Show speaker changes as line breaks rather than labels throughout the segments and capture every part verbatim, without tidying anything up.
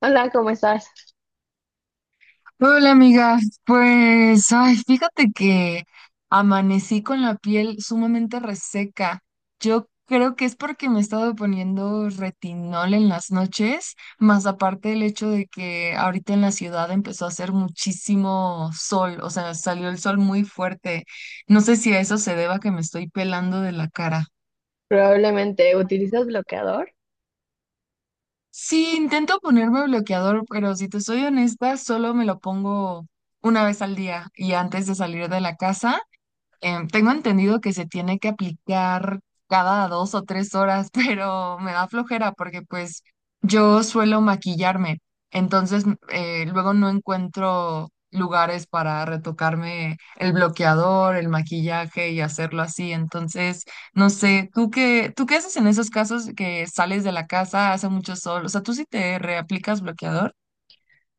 Hola, ¿cómo estás?
Hola amiga, pues ay, fíjate que amanecí con la piel sumamente reseca. Yo creo que es porque me he estado poniendo retinol en las noches, más aparte el hecho de que ahorita en la ciudad empezó a hacer muchísimo sol, o sea, salió el sol muy fuerte. No sé si a eso se deba que me estoy pelando de la cara.
Probablemente utilizas bloqueador.
Sí, intento ponerme bloqueador, pero si te soy honesta, solo me lo pongo una vez al día y antes de salir de la casa. Em, tengo entendido que se tiene que aplicar cada dos o tres horas, pero me da flojera porque pues yo suelo maquillarme, entonces eh, luego no encuentro lugares para retocarme el bloqueador, el maquillaje y hacerlo así. Entonces, no sé, ¿tú qué, tú qué haces en esos casos que sales de la casa, hace mucho sol? O sea, ¿tú sí te reaplicas bloqueador?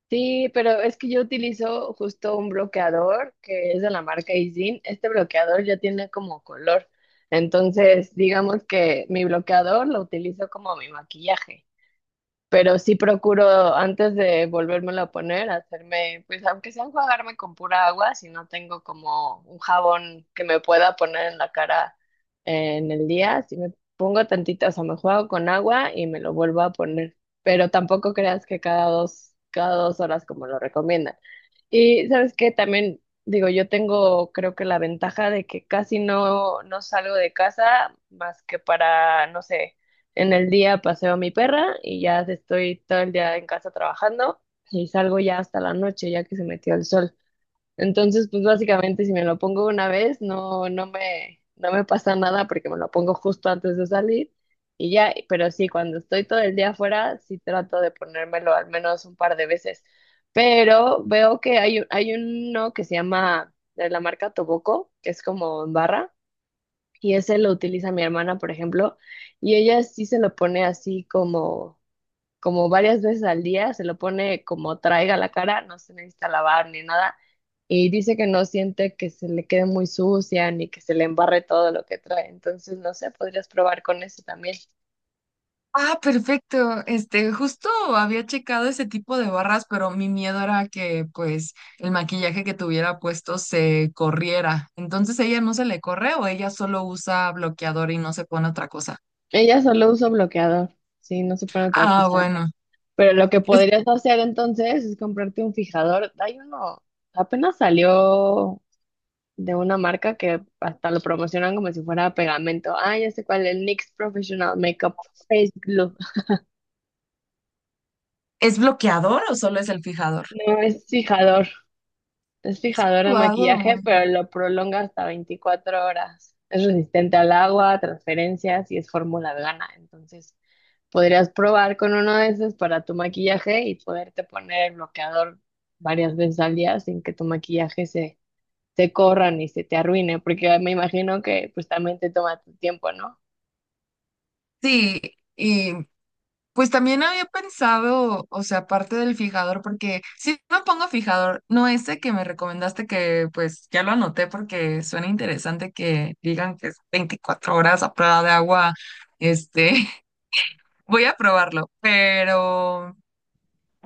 Sí, pero es que yo utilizo justo un bloqueador que es de la marca Izin. Este bloqueador ya tiene como color. Entonces, digamos que mi bloqueador lo utilizo como mi maquillaje. Pero sí procuro antes de volvérmelo a poner, hacerme, pues aunque sea enjuagarme con pura agua, si no tengo como un jabón que me pueda poner en la cara, eh, en el día, si me pongo tantita, o sea, me juego con agua y me lo vuelvo a poner, pero tampoco creas que cada dos, cada dos horas como lo recomiendan. Y sabes que también digo, yo tengo, creo que la ventaja de que casi no, no salgo de casa más que para, no sé, en el día paseo a mi perra y ya estoy todo el día en casa trabajando y salgo ya hasta la noche, ya que se metió el sol. Entonces, pues básicamente si me lo pongo una vez, no, no me, no me pasa nada porque me lo pongo justo antes de salir y ya. Pero sí, cuando estoy todo el día afuera, sí trato de ponérmelo al menos un par de veces. Pero veo que hay, hay uno que se llama de la marca Toboco, que es como en barra, y ese lo utiliza mi hermana, por ejemplo, y ella sí se lo pone así como, como varias veces al día, se lo pone como traiga la cara, no se necesita lavar ni nada, y dice que no siente que se le quede muy sucia ni que se le embarre todo lo que trae. Entonces, no sé, podrías probar con eso también.
Ah, perfecto. Este, justo había checado ese tipo de barras, pero mi miedo era que, pues, el maquillaje que tuviera puesto se corriera. Entonces, ¿ella no se le corre o ella solo usa bloqueador y no se pone otra cosa?
Ella solo usa bloqueador, sí, no se pone otra
Ah,
cosa.
bueno.
Pero lo que
¿Es,
podrías hacer entonces es comprarte un fijador. Hay uno, apenas salió de una marca que hasta lo promocionan como si fuera pegamento. Ah, ya sé cuál, el N Y X Professional Makeup Face Glue.
es bloqueador o solo es el fijador?
No, es fijador, es fijador de
Guau.
maquillaje, pero lo prolonga hasta veinticuatro horas. Es resistente al agua, a transferencias y es fórmula vegana. Entonces, podrías probar con uno de esos para tu maquillaje y poderte poner el bloqueador varias veces al día sin que tu maquillaje se, se corra ni se te arruine, porque me imagino que pues también te toma tu tiempo, ¿no?
Sí, y pues también había pensado, o sea, aparte del fijador, porque si no pongo fijador, no ese que me recomendaste que pues ya lo anoté porque suena interesante que digan que es veinticuatro horas a prueba de agua, este, voy a probarlo, pero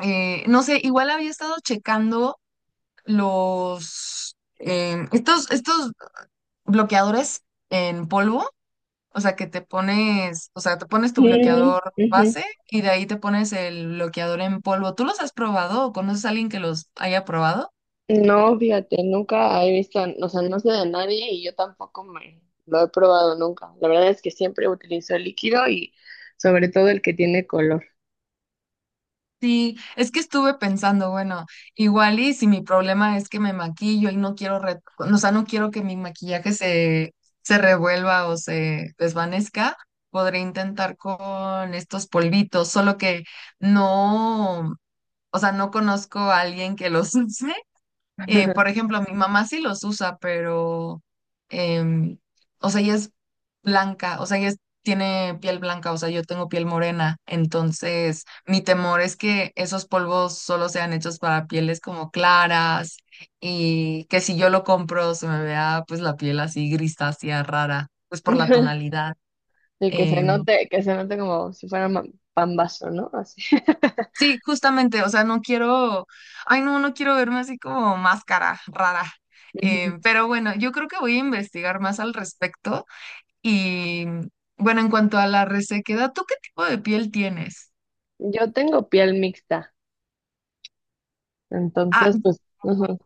eh, no sé, igual había estado checando los, em, estos, estos bloqueadores en polvo, o sea, que te pones, o sea, te pones tu
Mm,
bloqueador
ujú.
base y de ahí te pones el bloqueador en polvo. ¿Tú los has probado o conoces a alguien que los haya probado?
No, fíjate, nunca he visto, o sea, no sé de nadie y yo tampoco me lo he probado nunca. La verdad es que siempre utilizo el líquido y sobre todo el que tiene color.
Sí, es que estuve pensando, bueno, igual y si mi problema es que me maquillo y no quiero, re- o sea, no quiero que mi maquillaje se, se revuelva o se desvanezca, podré intentar con estos polvitos, solo que no, o sea, no conozco a alguien que los use. Eh, por ejemplo, mi mamá sí los usa, pero, em, o sea, ella es blanca, o sea, ella es- tiene piel blanca, o sea, yo tengo piel morena, entonces mi temor es que esos polvos solo sean hechos para pieles como claras y que si yo lo compro se me vea pues la piel así grisácea, rara, pues por la tonalidad.
El que se
Em,
note, que se note como si fuera ma- pambazo, ¿no? Así.
Sí, justamente, o sea, no quiero, ay no, no quiero verme así como máscara rara.
Ujú.
Em, pero bueno, yo creo que voy a investigar más al respecto y bueno, en cuanto a la resequedad, ¿tú qué tipo de piel tienes?
Yo tengo piel mixta,
Ah,
entonces pues, ujú.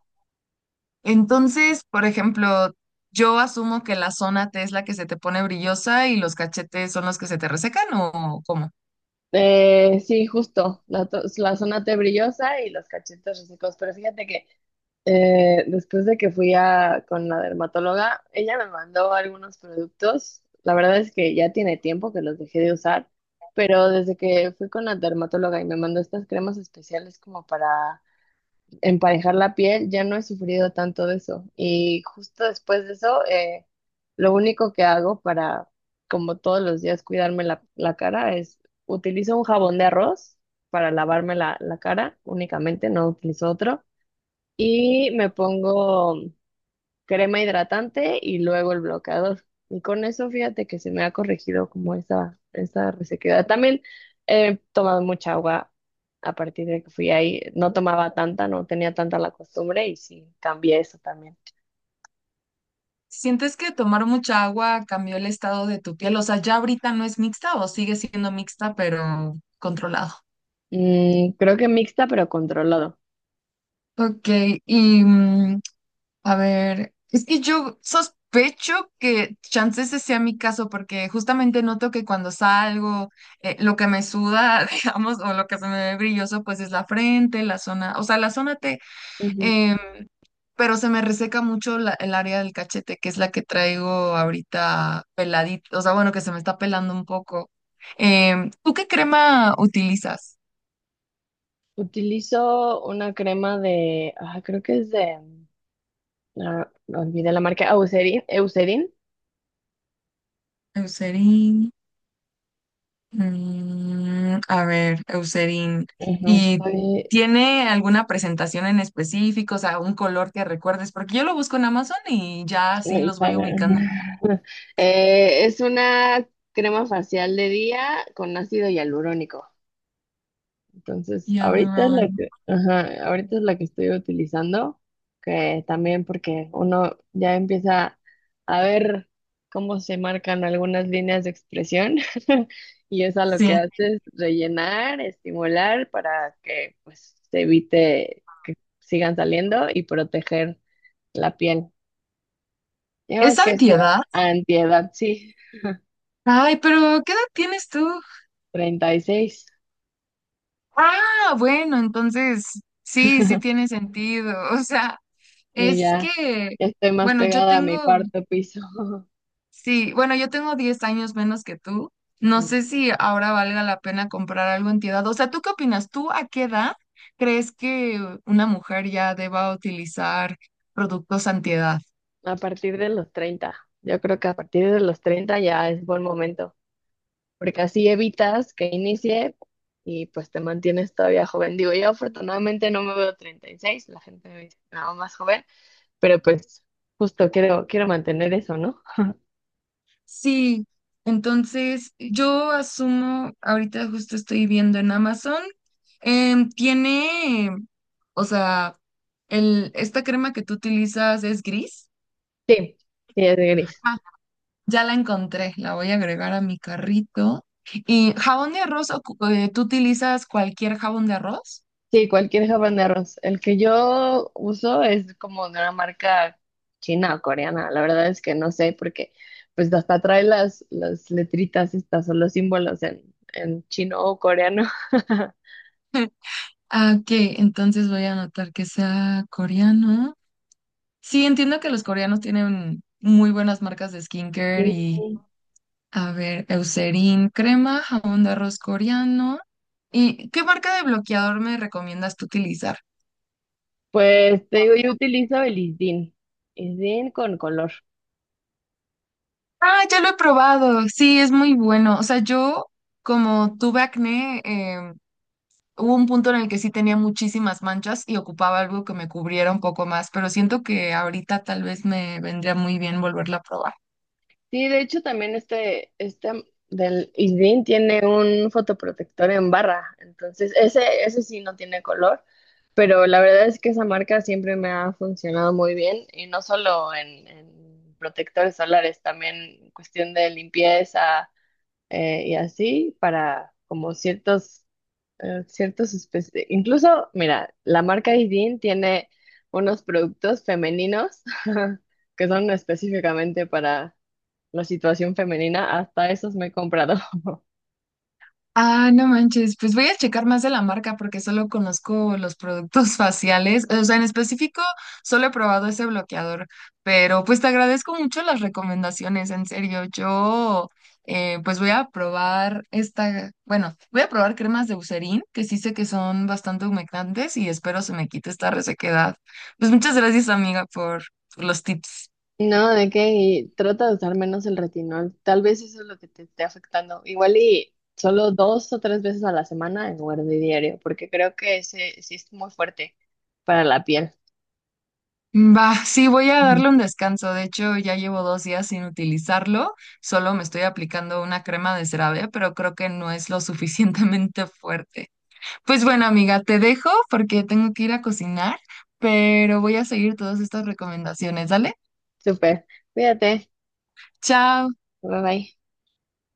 entonces, por ejemplo, yo asumo que la zona T es la que se te pone brillosa y los cachetes son los que se te resecan, ¿o cómo?
Eh, sí, justo, la, to- la zona T brillosa y los cachetes resecos, pero fíjate que, Eh, después de que fui a, con la dermatóloga, ella me mandó algunos productos. La verdad es que ya tiene tiempo que los dejé de usar, pero desde que fui con la dermatóloga y me mandó estas cremas especiales como para emparejar la piel, ya no he sufrido tanto de eso. Y justo después de eso, eh, lo único que hago para, como todos los días, cuidarme la, la cara es utilizo un jabón de arroz para lavarme la, la cara únicamente, no utilizo otro. Y me pongo crema hidratante y luego el bloqueador. Y con eso, fíjate que se me ha corregido como esa, esa resequedad. También he tomado mucha agua a partir de que fui ahí. No tomaba tanta, no tenía tanta la costumbre y sí, cambié eso también.
¿Sientes que tomar mucha agua cambió el estado de tu piel? O sea, ya ahorita no es mixta o sigue siendo mixta, pero controlado.
Mm, creo que mixta, pero controlado.
Ok, y mm, a ver, es que yo sospecho que chance ese sea mi caso, porque justamente noto que cuando salgo, eh, lo que me suda, digamos, o lo que se me ve brilloso, pues es la frente, la zona, o sea, la zona T,
Ujú.
em, pero se me reseca mucho la- el área del cachete, que es la que traigo ahorita peladito, o sea, bueno, que se me está pelando un poco. Em, ¿tú qué crema utilizas?
Utilizo una crema de, ah, creo que es de, ah, olvidé la marca, Eucerin. Eucerin.
Eucerin. Mm, a ver, Eucerin,
Ujú.
¿y
Estoy,
tiene alguna presentación en específico, o sea, un color que recuerdes? Porque yo lo busco en Amazon y ya así los voy ubicando.
Eh, es una crema facial de día con ácido hialurónico. Entonces, ahorita es
Hyaluron.
la que, ajá, ahorita es la que estoy utilizando, que también porque uno ya empieza a ver cómo se marcan algunas líneas de expresión. Y eso lo que
Sí,
hace es rellenar, estimular para que pues se evite que sigan saliendo y proteger la piel.
es
Digamos que es una
antiedad.
antiedad, sí.
Ay, pero ¿qué edad tienes tú?
Treinta y seis.
Ah, bueno, entonces sí, sí tiene sentido. O sea,
Sí,
es
ya,
que,
ya estoy más
bueno, yo
pegada a mi
tengo
cuarto piso.
sí, bueno, yo tengo diez años menos que tú. No
Mm,
sé si ahora valga la pena comprar algo en tu edad. O sea, ¿tú qué opinas? ¿Tú a qué edad crees que una mujer ya deba utilizar productos antiedad?
A partir de los treinta, yo creo que a partir de los treinta ya es buen momento, porque así evitas que inicie y pues te mantienes todavía joven. Digo, yo afortunadamente no me veo treinta y seis, la gente me dice no, más joven, pero pues justo quiero, quiero mantener eso, ¿no?
Sí, entonces yo asumo, ahorita justo estoy viendo en Amazon, em, tiene, o sea, el, esta crema que tú utilizas es gris.
Sí, sí, es gris.
Ya la encontré, la voy a agregar a mi carrito. ¿Y jabón de arroz? ocu- eh, ¿Tú utilizas cualquier jabón de arroz?
Sí, cualquier habaneros. El que yo uso es como de una marca china o coreana. La verdad es que no sé porque pues hasta trae las, las letritas estas o los símbolos en, en chino o coreano.
Ah, ok, entonces voy a anotar que sea coreano. Sí, entiendo que los coreanos tienen muy buenas marcas de skincare
Sí.
y, a ver, Eucerin crema, jabón de arroz coreano. ¿Y qué marca de bloqueador me recomiendas tú utilizar?
Pues te digo, yo utilizo el ISDIN. ISDIN con color.
Ah, ya lo he probado, sí, es muy bueno. O sea, yo como tuve acné, em, hubo un punto en el que sí tenía muchísimas manchas y ocupaba algo que me cubriera un poco más, pero siento que ahorita tal vez me vendría muy bien volverla a probar.
Sí, de hecho también este, este del ISDIN tiene un fotoprotector en barra, entonces ese, ese sí no tiene color, pero la verdad es que esa marca siempre me ha funcionado muy bien y no solo en, en protectores solares, también en cuestión de limpieza, eh, y así para como ciertos, eh, ciertas especies. Incluso, mira, la marca Idin tiene unos productos femeninos que son específicamente para la situación femenina. Hasta esos me he comprado.
Ah, no manches, pues voy a checar más de la marca porque solo conozco los productos faciales, o sea, en específico solo he probado ese bloqueador, pero pues te agradezco mucho las recomendaciones, en serio, yo eh, pues voy a probar esta, bueno, voy a probar cremas de Eucerin, que sí sé que son bastante humectantes y espero se me quite esta resequedad. Pues muchas gracias, amiga, por por los tips.
No, de qué, y trata de usar menos el retinol. Tal vez eso es lo que te esté afectando. Igual y solo dos o tres veces a la semana en lugar de diario, porque creo que ese sí es muy fuerte para la piel.
Va, sí, voy a
Ujú.
darle un descanso. De hecho, ya llevo dos días sin utilizarlo. Solo me estoy aplicando una crema de CeraVe, pero creo que no es lo suficientemente fuerte. Pues bueno, amiga, te dejo porque tengo que ir a cocinar, pero voy a seguir todas estas recomendaciones. Dale,
Súper. Cuídate.
chao.
Bye bye.